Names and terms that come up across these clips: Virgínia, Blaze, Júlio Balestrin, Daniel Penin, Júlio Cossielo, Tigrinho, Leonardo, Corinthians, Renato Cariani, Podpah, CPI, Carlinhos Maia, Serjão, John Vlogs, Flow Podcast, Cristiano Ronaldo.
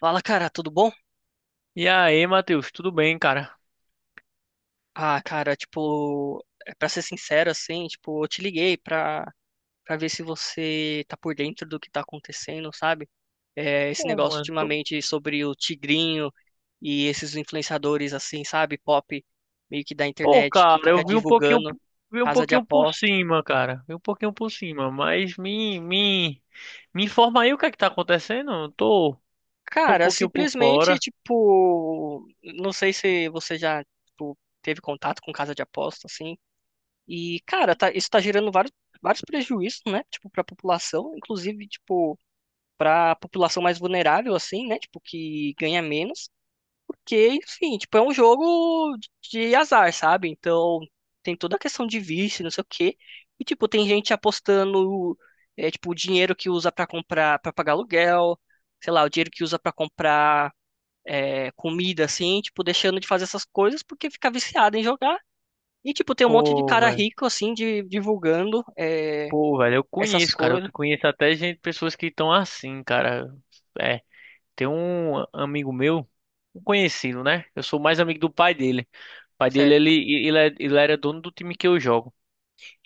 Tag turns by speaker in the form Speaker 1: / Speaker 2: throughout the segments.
Speaker 1: Fala, cara, tudo bom?
Speaker 2: E aí, Matheus, tudo bem, cara?
Speaker 1: Ah, cara, tipo, é pra ser sincero, assim, tipo, eu te liguei pra, pra ver se você tá por dentro do que tá acontecendo, sabe? É, esse
Speaker 2: Pô,
Speaker 1: negócio
Speaker 2: mano, tô...
Speaker 1: ultimamente sobre o Tigrinho e esses influenciadores, assim, sabe? Pop, meio que da
Speaker 2: Pô,
Speaker 1: internet, que
Speaker 2: cara,
Speaker 1: fica
Speaker 2: eu
Speaker 1: divulgando
Speaker 2: vi um
Speaker 1: casa de
Speaker 2: pouquinho por
Speaker 1: aposta.
Speaker 2: cima, cara. Vi um pouquinho por cima, mas me informa aí o que é que tá acontecendo. Eu tô, tô um
Speaker 1: Cara,
Speaker 2: pouquinho por
Speaker 1: simplesmente,
Speaker 2: fora.
Speaker 1: tipo, não sei se você já, tipo, teve contato com casa de aposta, assim. E, cara, isso tá gerando vários, vários prejuízos, né? Tipo, pra população, inclusive, tipo, pra população mais vulnerável, assim, né? Tipo, que ganha menos. Porque, enfim, tipo, é um jogo de azar, sabe? Então, tem toda a questão de vício, não sei o quê. E, tipo, tem gente apostando, é, tipo, o dinheiro que usa pra comprar, pra pagar aluguel, sei lá, o dinheiro que usa pra comprar, é, comida assim, tipo, deixando de fazer essas coisas porque fica viciado em jogar e, tipo, tem um monte de
Speaker 2: Pô,
Speaker 1: cara
Speaker 2: velho.
Speaker 1: rico, assim, de, divulgando, é,
Speaker 2: Pô, velho, eu
Speaker 1: essas
Speaker 2: conheço, cara. Eu
Speaker 1: coisas,
Speaker 2: conheço até gente, pessoas que estão assim, cara. É, tem um amigo meu, um conhecido, né? Eu sou mais amigo do pai dele. O pai dele,
Speaker 1: certo?
Speaker 2: ele era dono do time que eu jogo.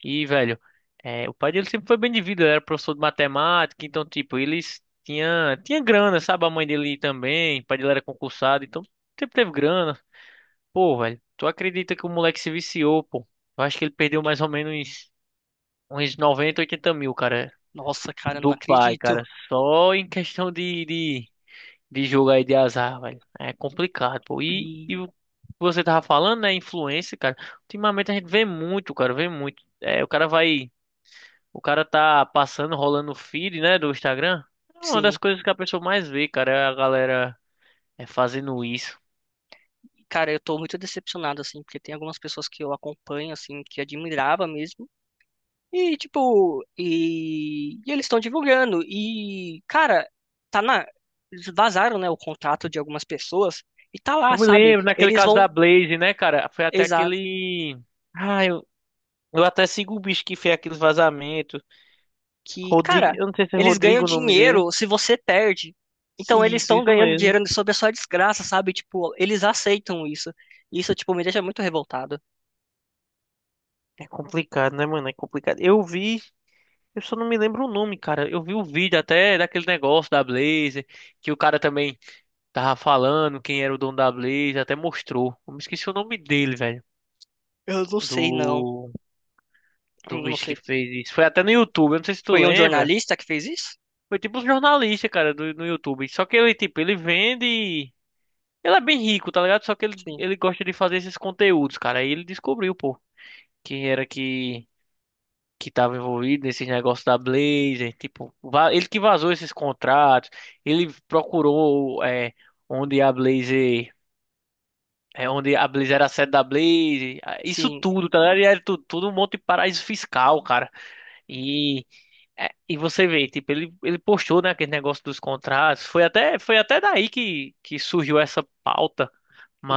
Speaker 2: E, velho, é, o pai dele sempre foi bem de vida, ele era professor de matemática, então, tipo, eles tinha grana, sabe? A mãe dele também, o pai dele era concursado, então sempre teve grana. Pô, velho, tu acredita que o moleque se viciou, pô? Eu acho que ele perdeu mais ou menos uns 90, 80 mil, cara,
Speaker 1: Nossa, cara, não
Speaker 2: do pai,
Speaker 1: acredito.
Speaker 2: cara, só em questão de jogo aí de azar, velho. É complicado, pô.
Speaker 1: E,
Speaker 2: E o que você tava falando, né? Influência, cara. Ultimamente a gente vê muito, cara, vê muito. É, o cara vai. O cara tá passando, rolando o feed, né, do Instagram. É uma das
Speaker 1: sim,
Speaker 2: coisas que a pessoa mais vê, cara, é a galera é fazendo isso.
Speaker 1: cara, eu tô muito decepcionado, assim, porque tem algumas pessoas que eu acompanho, assim, que admirava mesmo. E, tipo, e eles estão divulgando. E, cara, tá na. Eles vazaram, né, o contrato de algumas pessoas. E tá lá,
Speaker 2: Eu me
Speaker 1: sabe?
Speaker 2: lembro, naquele
Speaker 1: Eles
Speaker 2: caso
Speaker 1: vão.
Speaker 2: da Blaze, né, cara? Foi até
Speaker 1: Exato.
Speaker 2: aquele. Ah, eu até sigo o bicho que fez aqueles vazamentos.
Speaker 1: Que,
Speaker 2: Rodrigo,
Speaker 1: cara,
Speaker 2: eu não sei se é
Speaker 1: eles ganham
Speaker 2: Rodrigo o nome dele.
Speaker 1: dinheiro se você perde. Então eles
Speaker 2: Isso,
Speaker 1: estão
Speaker 2: isso
Speaker 1: ganhando
Speaker 2: mesmo.
Speaker 1: dinheiro sob a sua desgraça, sabe? Tipo, eles aceitam isso. Isso, tipo, me deixa muito revoltado.
Speaker 2: É complicado, né, mano? É complicado. Eu vi, eu só não me lembro o nome, cara. Eu vi o vídeo até daquele negócio da Blazer, que o cara também tava falando quem era o dono da Blazer, até mostrou. Eu me esqueci o nome dele, velho.
Speaker 1: Eu não sei, não.
Speaker 2: Do, do
Speaker 1: Não
Speaker 2: bicho que
Speaker 1: sei.
Speaker 2: fez isso. Foi até no YouTube, eu não sei se tu
Speaker 1: Foi um
Speaker 2: lembra.
Speaker 1: jornalista que fez isso?
Speaker 2: Foi tipo um jornalista, cara, do, no YouTube. Só que ele, tipo, ele vende. Ele é bem rico, tá ligado? Só que ele,
Speaker 1: Sim.
Speaker 2: ele gosta de fazer esses conteúdos, cara. Aí ele descobriu, pô, quem era que estava envolvido nesses negócios da Blazer, tipo, ele que vazou esses contratos, ele procurou é, onde a Blazer, é, onde a Blazer era a sede da Blazer, ah, isso
Speaker 1: Sim.
Speaker 2: tudo, tá ligado? E era tudo, tudo um monte de paraíso fiscal, cara. E, é, e você vê, tipo, ele postou, né, aquele negócio dos contratos, foi até daí que surgiu essa pauta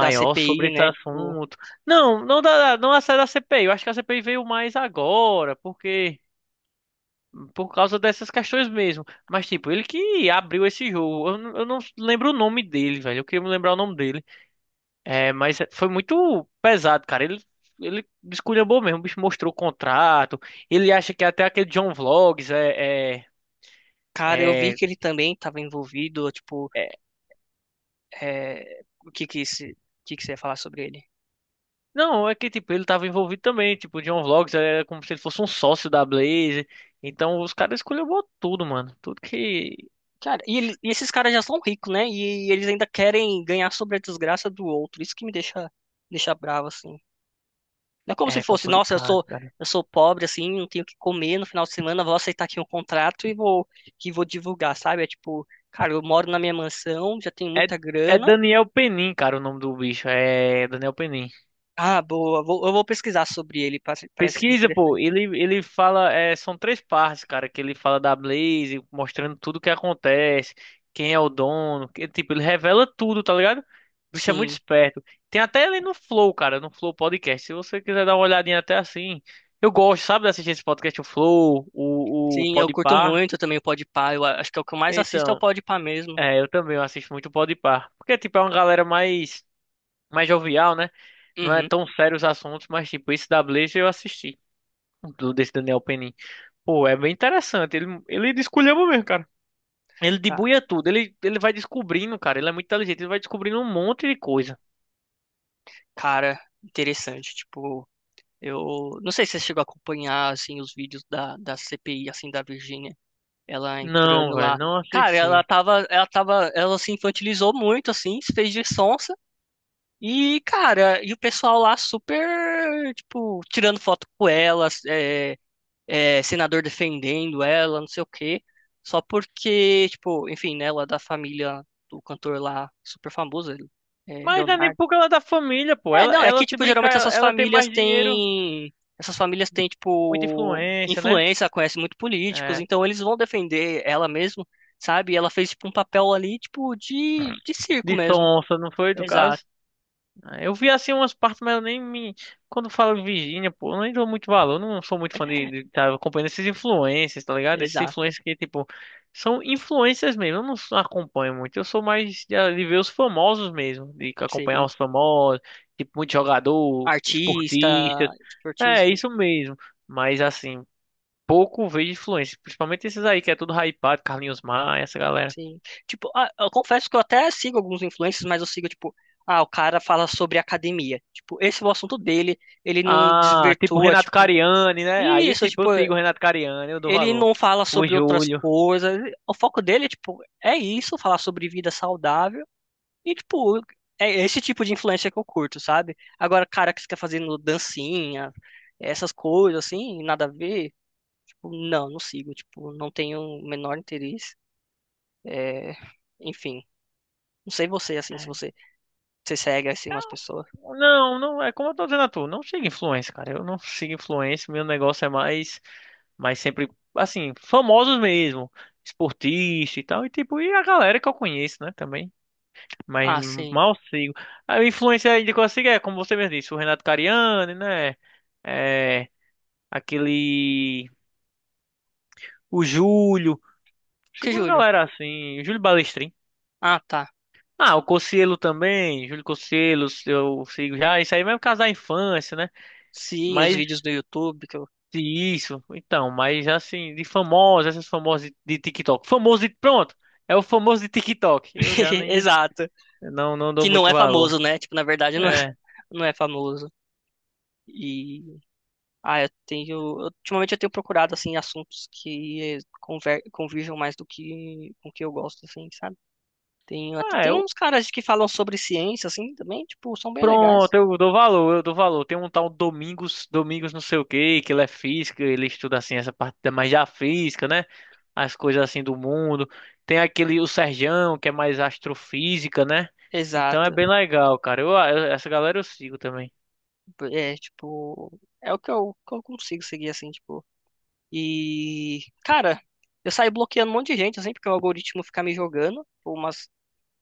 Speaker 1: Da
Speaker 2: sobre
Speaker 1: CPI,
Speaker 2: esse
Speaker 1: né? Tipo,
Speaker 2: assunto. Não, não da, não a série da CPI. Eu acho que a CPI veio mais agora, porque por causa dessas questões mesmo. Mas, tipo, ele que abriu esse jogo. Eu não lembro o nome dele, velho. Eu queria me lembrar o nome dele. É, mas foi muito pesado, cara. Ele esculhambou mesmo. O bicho mostrou o contrato. Ele acha que até aquele John Vlogs
Speaker 1: cara, eu vi
Speaker 2: é-
Speaker 1: que ele também estava envolvido. Tipo,
Speaker 2: é-
Speaker 1: é... o que que você ia falar sobre ele?
Speaker 2: não, é que, tipo, ele tava envolvido também. Tipo, o John Vlogs era como se ele fosse um sócio da Blaze. Então, os caras esculhambou tudo, mano. Tudo que...
Speaker 1: Cara, e, e esses caras já são ricos, né? E, eles ainda querem ganhar sobre a desgraça do outro. Isso que me deixa, deixa bravo, assim. Não é como se
Speaker 2: É
Speaker 1: fosse, nossa,
Speaker 2: complicado, cara.
Speaker 1: eu sou pobre, assim, não tenho o que comer no final de semana, vou aceitar aqui um contrato e vou, que vou divulgar, sabe? É tipo, cara, eu moro na minha mansão, já tenho
Speaker 2: É,
Speaker 1: muita
Speaker 2: é
Speaker 1: grana.
Speaker 2: Daniel Penin, cara, o nome do bicho. É Daniel Penin.
Speaker 1: Ah, boa, eu vou pesquisar sobre ele, parece, parece
Speaker 2: Pesquisa, pô,
Speaker 1: interessante.
Speaker 2: ele fala, é, são três partes, cara, que ele fala da Blaze, mostrando tudo o que acontece, quem é o dono, que, tipo, ele revela tudo, tá ligado? O bicho é muito
Speaker 1: Sim,
Speaker 2: esperto. Tem até ele no Flow, cara, no Flow Podcast, se você quiser dar uma olhadinha até assim. Eu gosto, sabe, de assistir esse podcast, o Flow, o
Speaker 1: sim, eu curto
Speaker 2: Podpah.
Speaker 1: muito também o Podpah, eu acho que é o que eu mais assisto é o
Speaker 2: Então,
Speaker 1: Podpah mesmo.
Speaker 2: é, eu também eu assisto muito o Podpah, porque, tipo, é uma galera mais, mais jovial, né? Não é
Speaker 1: Uhum,
Speaker 2: tão sério os assuntos, mas, tipo, esse da Blaze eu assisti, desse Daniel Penin. Pô, é bem interessante. Ele desculhamba mesmo, cara. Ele
Speaker 1: tá.
Speaker 2: debuia tudo. Ele vai descobrindo, cara. Ele é muito inteligente. Ele vai descobrindo um monte de coisa.
Speaker 1: Cara, interessante, tipo, eu não sei se você chegou a acompanhar, assim, os vídeos da CPI, assim, da Virgínia. Ela
Speaker 2: Não,
Speaker 1: entrando
Speaker 2: velho,
Speaker 1: lá.
Speaker 2: não
Speaker 1: Cara,
Speaker 2: assisti.
Speaker 1: ela tava, ela se infantilizou muito, assim, se fez de sonsa. E, cara, e o pessoal lá super, tipo, tirando foto com ela, é, senador defendendo ela, não sei o quê. Só porque, tipo, enfim, né, ela é da família do cantor lá, super famoso, ele, é,
Speaker 2: Mas não é nem
Speaker 1: Leonardo.
Speaker 2: porque ela é da família, pô.
Speaker 1: É,
Speaker 2: Ela,
Speaker 1: não, é que,
Speaker 2: ela se
Speaker 1: tipo,
Speaker 2: brincar,
Speaker 1: geralmente
Speaker 2: ela,
Speaker 1: essas
Speaker 2: ela tem
Speaker 1: famílias
Speaker 2: mais dinheiro,
Speaker 1: têm. Essas famílias têm,
Speaker 2: muita
Speaker 1: tipo,
Speaker 2: influência, né?
Speaker 1: influência, conhecem muito políticos,
Speaker 2: É,
Speaker 1: então eles vão defender ela mesmo, sabe? E ela fez, tipo, um papel ali, tipo, de circo
Speaker 2: de
Speaker 1: mesmo.
Speaker 2: sonsa, não foi, no
Speaker 1: Exato,
Speaker 2: caso? Ah, eu vi assim umas partes, mas eu nem me. Quando falo Virgínia, pô, eu nem dou muito valor. Eu não sou muito fã de estar acompanhando esses influencers, tá ligado? Esses
Speaker 1: exato,
Speaker 2: influencers que, tipo, são influencers mesmo. Eu não sou- Acompanho muito. Eu sou mais de ver os famosos mesmo. De acompanhar
Speaker 1: sim.
Speaker 2: os famosos, tipo, muito jogador,
Speaker 1: Artista,
Speaker 2: esportistas.
Speaker 1: tipo,
Speaker 2: É,
Speaker 1: artista,
Speaker 2: isso mesmo. Mas, assim, pouco vejo influência. Principalmente esses aí, que é tudo hypado, Carlinhos Maia, essa galera.
Speaker 1: sim. Tipo, ah, eu confesso que eu até sigo alguns influencers, mas eu sigo, tipo, ah, o cara fala sobre academia. Tipo, esse é o assunto dele, ele não
Speaker 2: Ah, tipo
Speaker 1: desvirtua,
Speaker 2: Renato
Speaker 1: tipo.
Speaker 2: Cariani, né? Aí, eu,
Speaker 1: Isso,
Speaker 2: tipo, eu
Speaker 1: tipo,
Speaker 2: sigo o Renato Cariani, eu dou
Speaker 1: ele
Speaker 2: valor.
Speaker 1: não fala
Speaker 2: O
Speaker 1: sobre outras
Speaker 2: Júlio.
Speaker 1: coisas. O foco dele, tipo, é isso, falar sobre vida saudável. E, tipo, é esse tipo de influência que eu curto, sabe? Agora, cara que fica fazendo dancinha, essas coisas, assim, nada a ver. Tipo, não, não sigo. Tipo, não tenho o menor interesse. É, enfim, não sei você, assim, se você, você segue, assim, umas
Speaker 2: Então,
Speaker 1: pessoas.
Speaker 2: não, não, é como eu tô dizendo a tu, não sigo influência, cara. Eu não sigo influência, meu negócio é mais, mais sempre, assim, famosos mesmo, esportista e tal, e tipo, e a galera que eu conheço, né, também. Mas
Speaker 1: Ah, sim.
Speaker 2: mal sigo. A influência ainda que eu sigo é, como você mesmo disse, o Renato Cariani, né? É, aquele. O Júlio.
Speaker 1: Que
Speaker 2: Sigo uma
Speaker 1: Júlio?
Speaker 2: galera assim, o Júlio Balestrin.
Speaker 1: Ah, tá.
Speaker 2: Ah, o Cossielo também, Júlio Cossielo, eu sigo já, isso aí mesmo caso da infância, né?
Speaker 1: Sim, os
Speaker 2: Mas
Speaker 1: vídeos do YouTube. Que eu...
Speaker 2: isso, então, mas assim, de famosos, essas famosas de TikTok. Famoso de, pronto, é o famoso de TikTok. Eu já nem,
Speaker 1: Exato.
Speaker 2: não, não
Speaker 1: Que
Speaker 2: dou
Speaker 1: não
Speaker 2: muito
Speaker 1: é
Speaker 2: valor.
Speaker 1: famoso, né? Tipo, na verdade,
Speaker 2: É,
Speaker 1: não é famoso. E ah, eu tenho, ultimamente eu tenho procurado assim assuntos que convirjam mais do que com o que eu gosto assim, sabe? Tem até
Speaker 2: ah,
Speaker 1: tem uns caras que falam sobre ciência assim também, tipo, são bem
Speaker 2: Pronto,
Speaker 1: legais.
Speaker 2: eu dou valor, eu dou valor. Tem um tal Domingos, Domingos não sei o quê, que ele é física, ele estuda assim essa parte mais da física, né? As coisas assim do mundo. Tem aquele, o Serjão, que é mais astrofísica, né? Então é
Speaker 1: Exato.
Speaker 2: bem legal, cara. Essa galera eu sigo também.
Speaker 1: É, tipo, é o que que eu consigo seguir assim, tipo. E cara, eu saio bloqueando um monte de gente assim porque o algoritmo fica me jogando por umas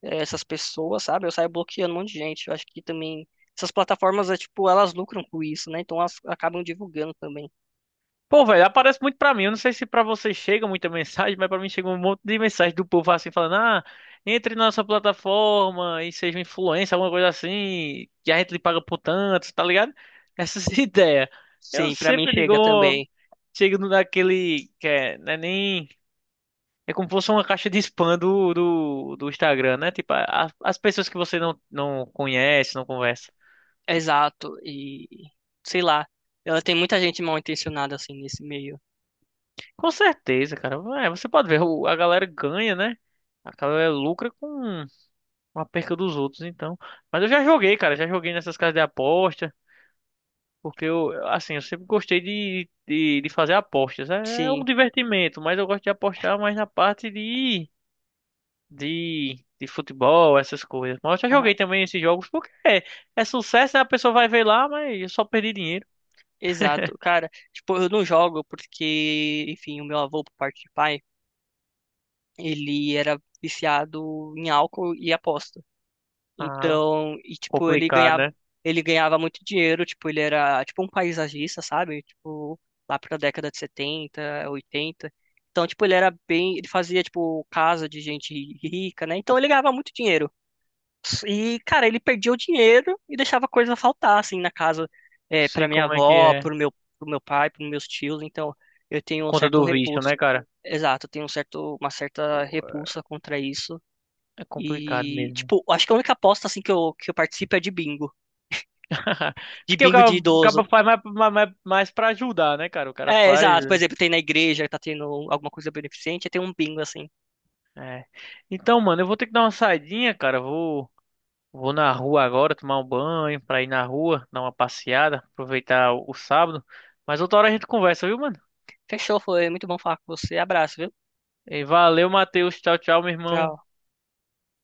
Speaker 1: essas pessoas, sabe? Eu saio bloqueando um monte de gente. Eu acho que também essas plataformas, é, tipo, elas lucram com isso, né? Então elas acabam divulgando também.
Speaker 2: Pô, velho, aparece muito pra mim. Eu não sei se pra vocês chega muita mensagem, mas pra mim chega um monte de mensagem do povo assim falando: "Ah, entre na nossa plataforma e seja um influencer, alguma coisa assim, que a gente lhe paga por tanto", tá ligado? Essas ideias. Eu
Speaker 1: Sim, pra mim
Speaker 2: sempre digo,
Speaker 1: chega
Speaker 2: ó,
Speaker 1: também.
Speaker 2: chego no- naquele que é, não é nem é como se fosse uma caixa de spam do Instagram, né? Tipo, as pessoas que você não, não conhece, não conversa.
Speaker 1: Exato. E sei lá, ela tem muita gente mal intencionada assim nesse meio.
Speaker 2: Com certeza, cara. É, você pode ver, a galera ganha, né? A galera lucra com uma perca dos outros, então. Mas eu já joguei, cara, já joguei nessas casas de aposta, porque eu, assim, eu sempre gostei de fazer apostas. É é um
Speaker 1: Sim.
Speaker 2: divertimento, mas eu gosto de apostar mais na parte de futebol, essas coisas. Mas eu já
Speaker 1: Ah,
Speaker 2: joguei também esses jogos, porque é, é sucesso, né? A pessoa vai ver lá, mas eu só perdi dinheiro.
Speaker 1: exato. Cara, tipo, eu não jogo porque, enfim, o meu avô por parte de pai, ele era viciado em álcool e aposta.
Speaker 2: Ah,
Speaker 1: Então, e tipo,
Speaker 2: complicado, né?
Speaker 1: ele ganhava muito dinheiro, tipo, ele era tipo um paisagista, sabe? Tipo, lá pra década de 70 80. Então, tipo, ele era bem, ele fazia tipo casa de gente rica, né? Então ele ganhava muito dinheiro. E, cara, ele perdia o dinheiro e deixava coisa faltar assim na casa, é, para
Speaker 2: Sei
Speaker 1: minha
Speaker 2: como é que
Speaker 1: avó,
Speaker 2: é,
Speaker 1: pro meu pai, pros meus tios, então eu
Speaker 2: por
Speaker 1: tenho um
Speaker 2: conta
Speaker 1: certo
Speaker 2: do vício,
Speaker 1: repulso.
Speaker 2: né, cara?
Speaker 1: Exato, eu tenho um certo, uma
Speaker 2: Pô,
Speaker 1: certa repulsa contra isso.
Speaker 2: é complicado
Speaker 1: E,
Speaker 2: mesmo.
Speaker 1: tipo, acho que a única aposta, assim, que eu participo é de bingo. De
Speaker 2: Porque
Speaker 1: bingo de
Speaker 2: o cara
Speaker 1: idoso.
Speaker 2: faz mais, mais pra ajudar, né, cara? O cara
Speaker 1: É,
Speaker 2: faz.
Speaker 1: exato. Por exemplo, tem na igreja, tá tendo alguma coisa beneficente, tem um bingo, assim.
Speaker 2: É. Então, mano, eu vou ter que dar uma saidinha, cara. Vou, vou na rua agora tomar um banho, pra ir na rua, dar uma passeada, aproveitar o sábado. Mas outra hora a gente conversa, viu, mano?
Speaker 1: Fechou, foi muito bom falar com você. Abraço, viu?
Speaker 2: E valeu, Matheus. Tchau, tchau, meu irmão.
Speaker 1: Tchau.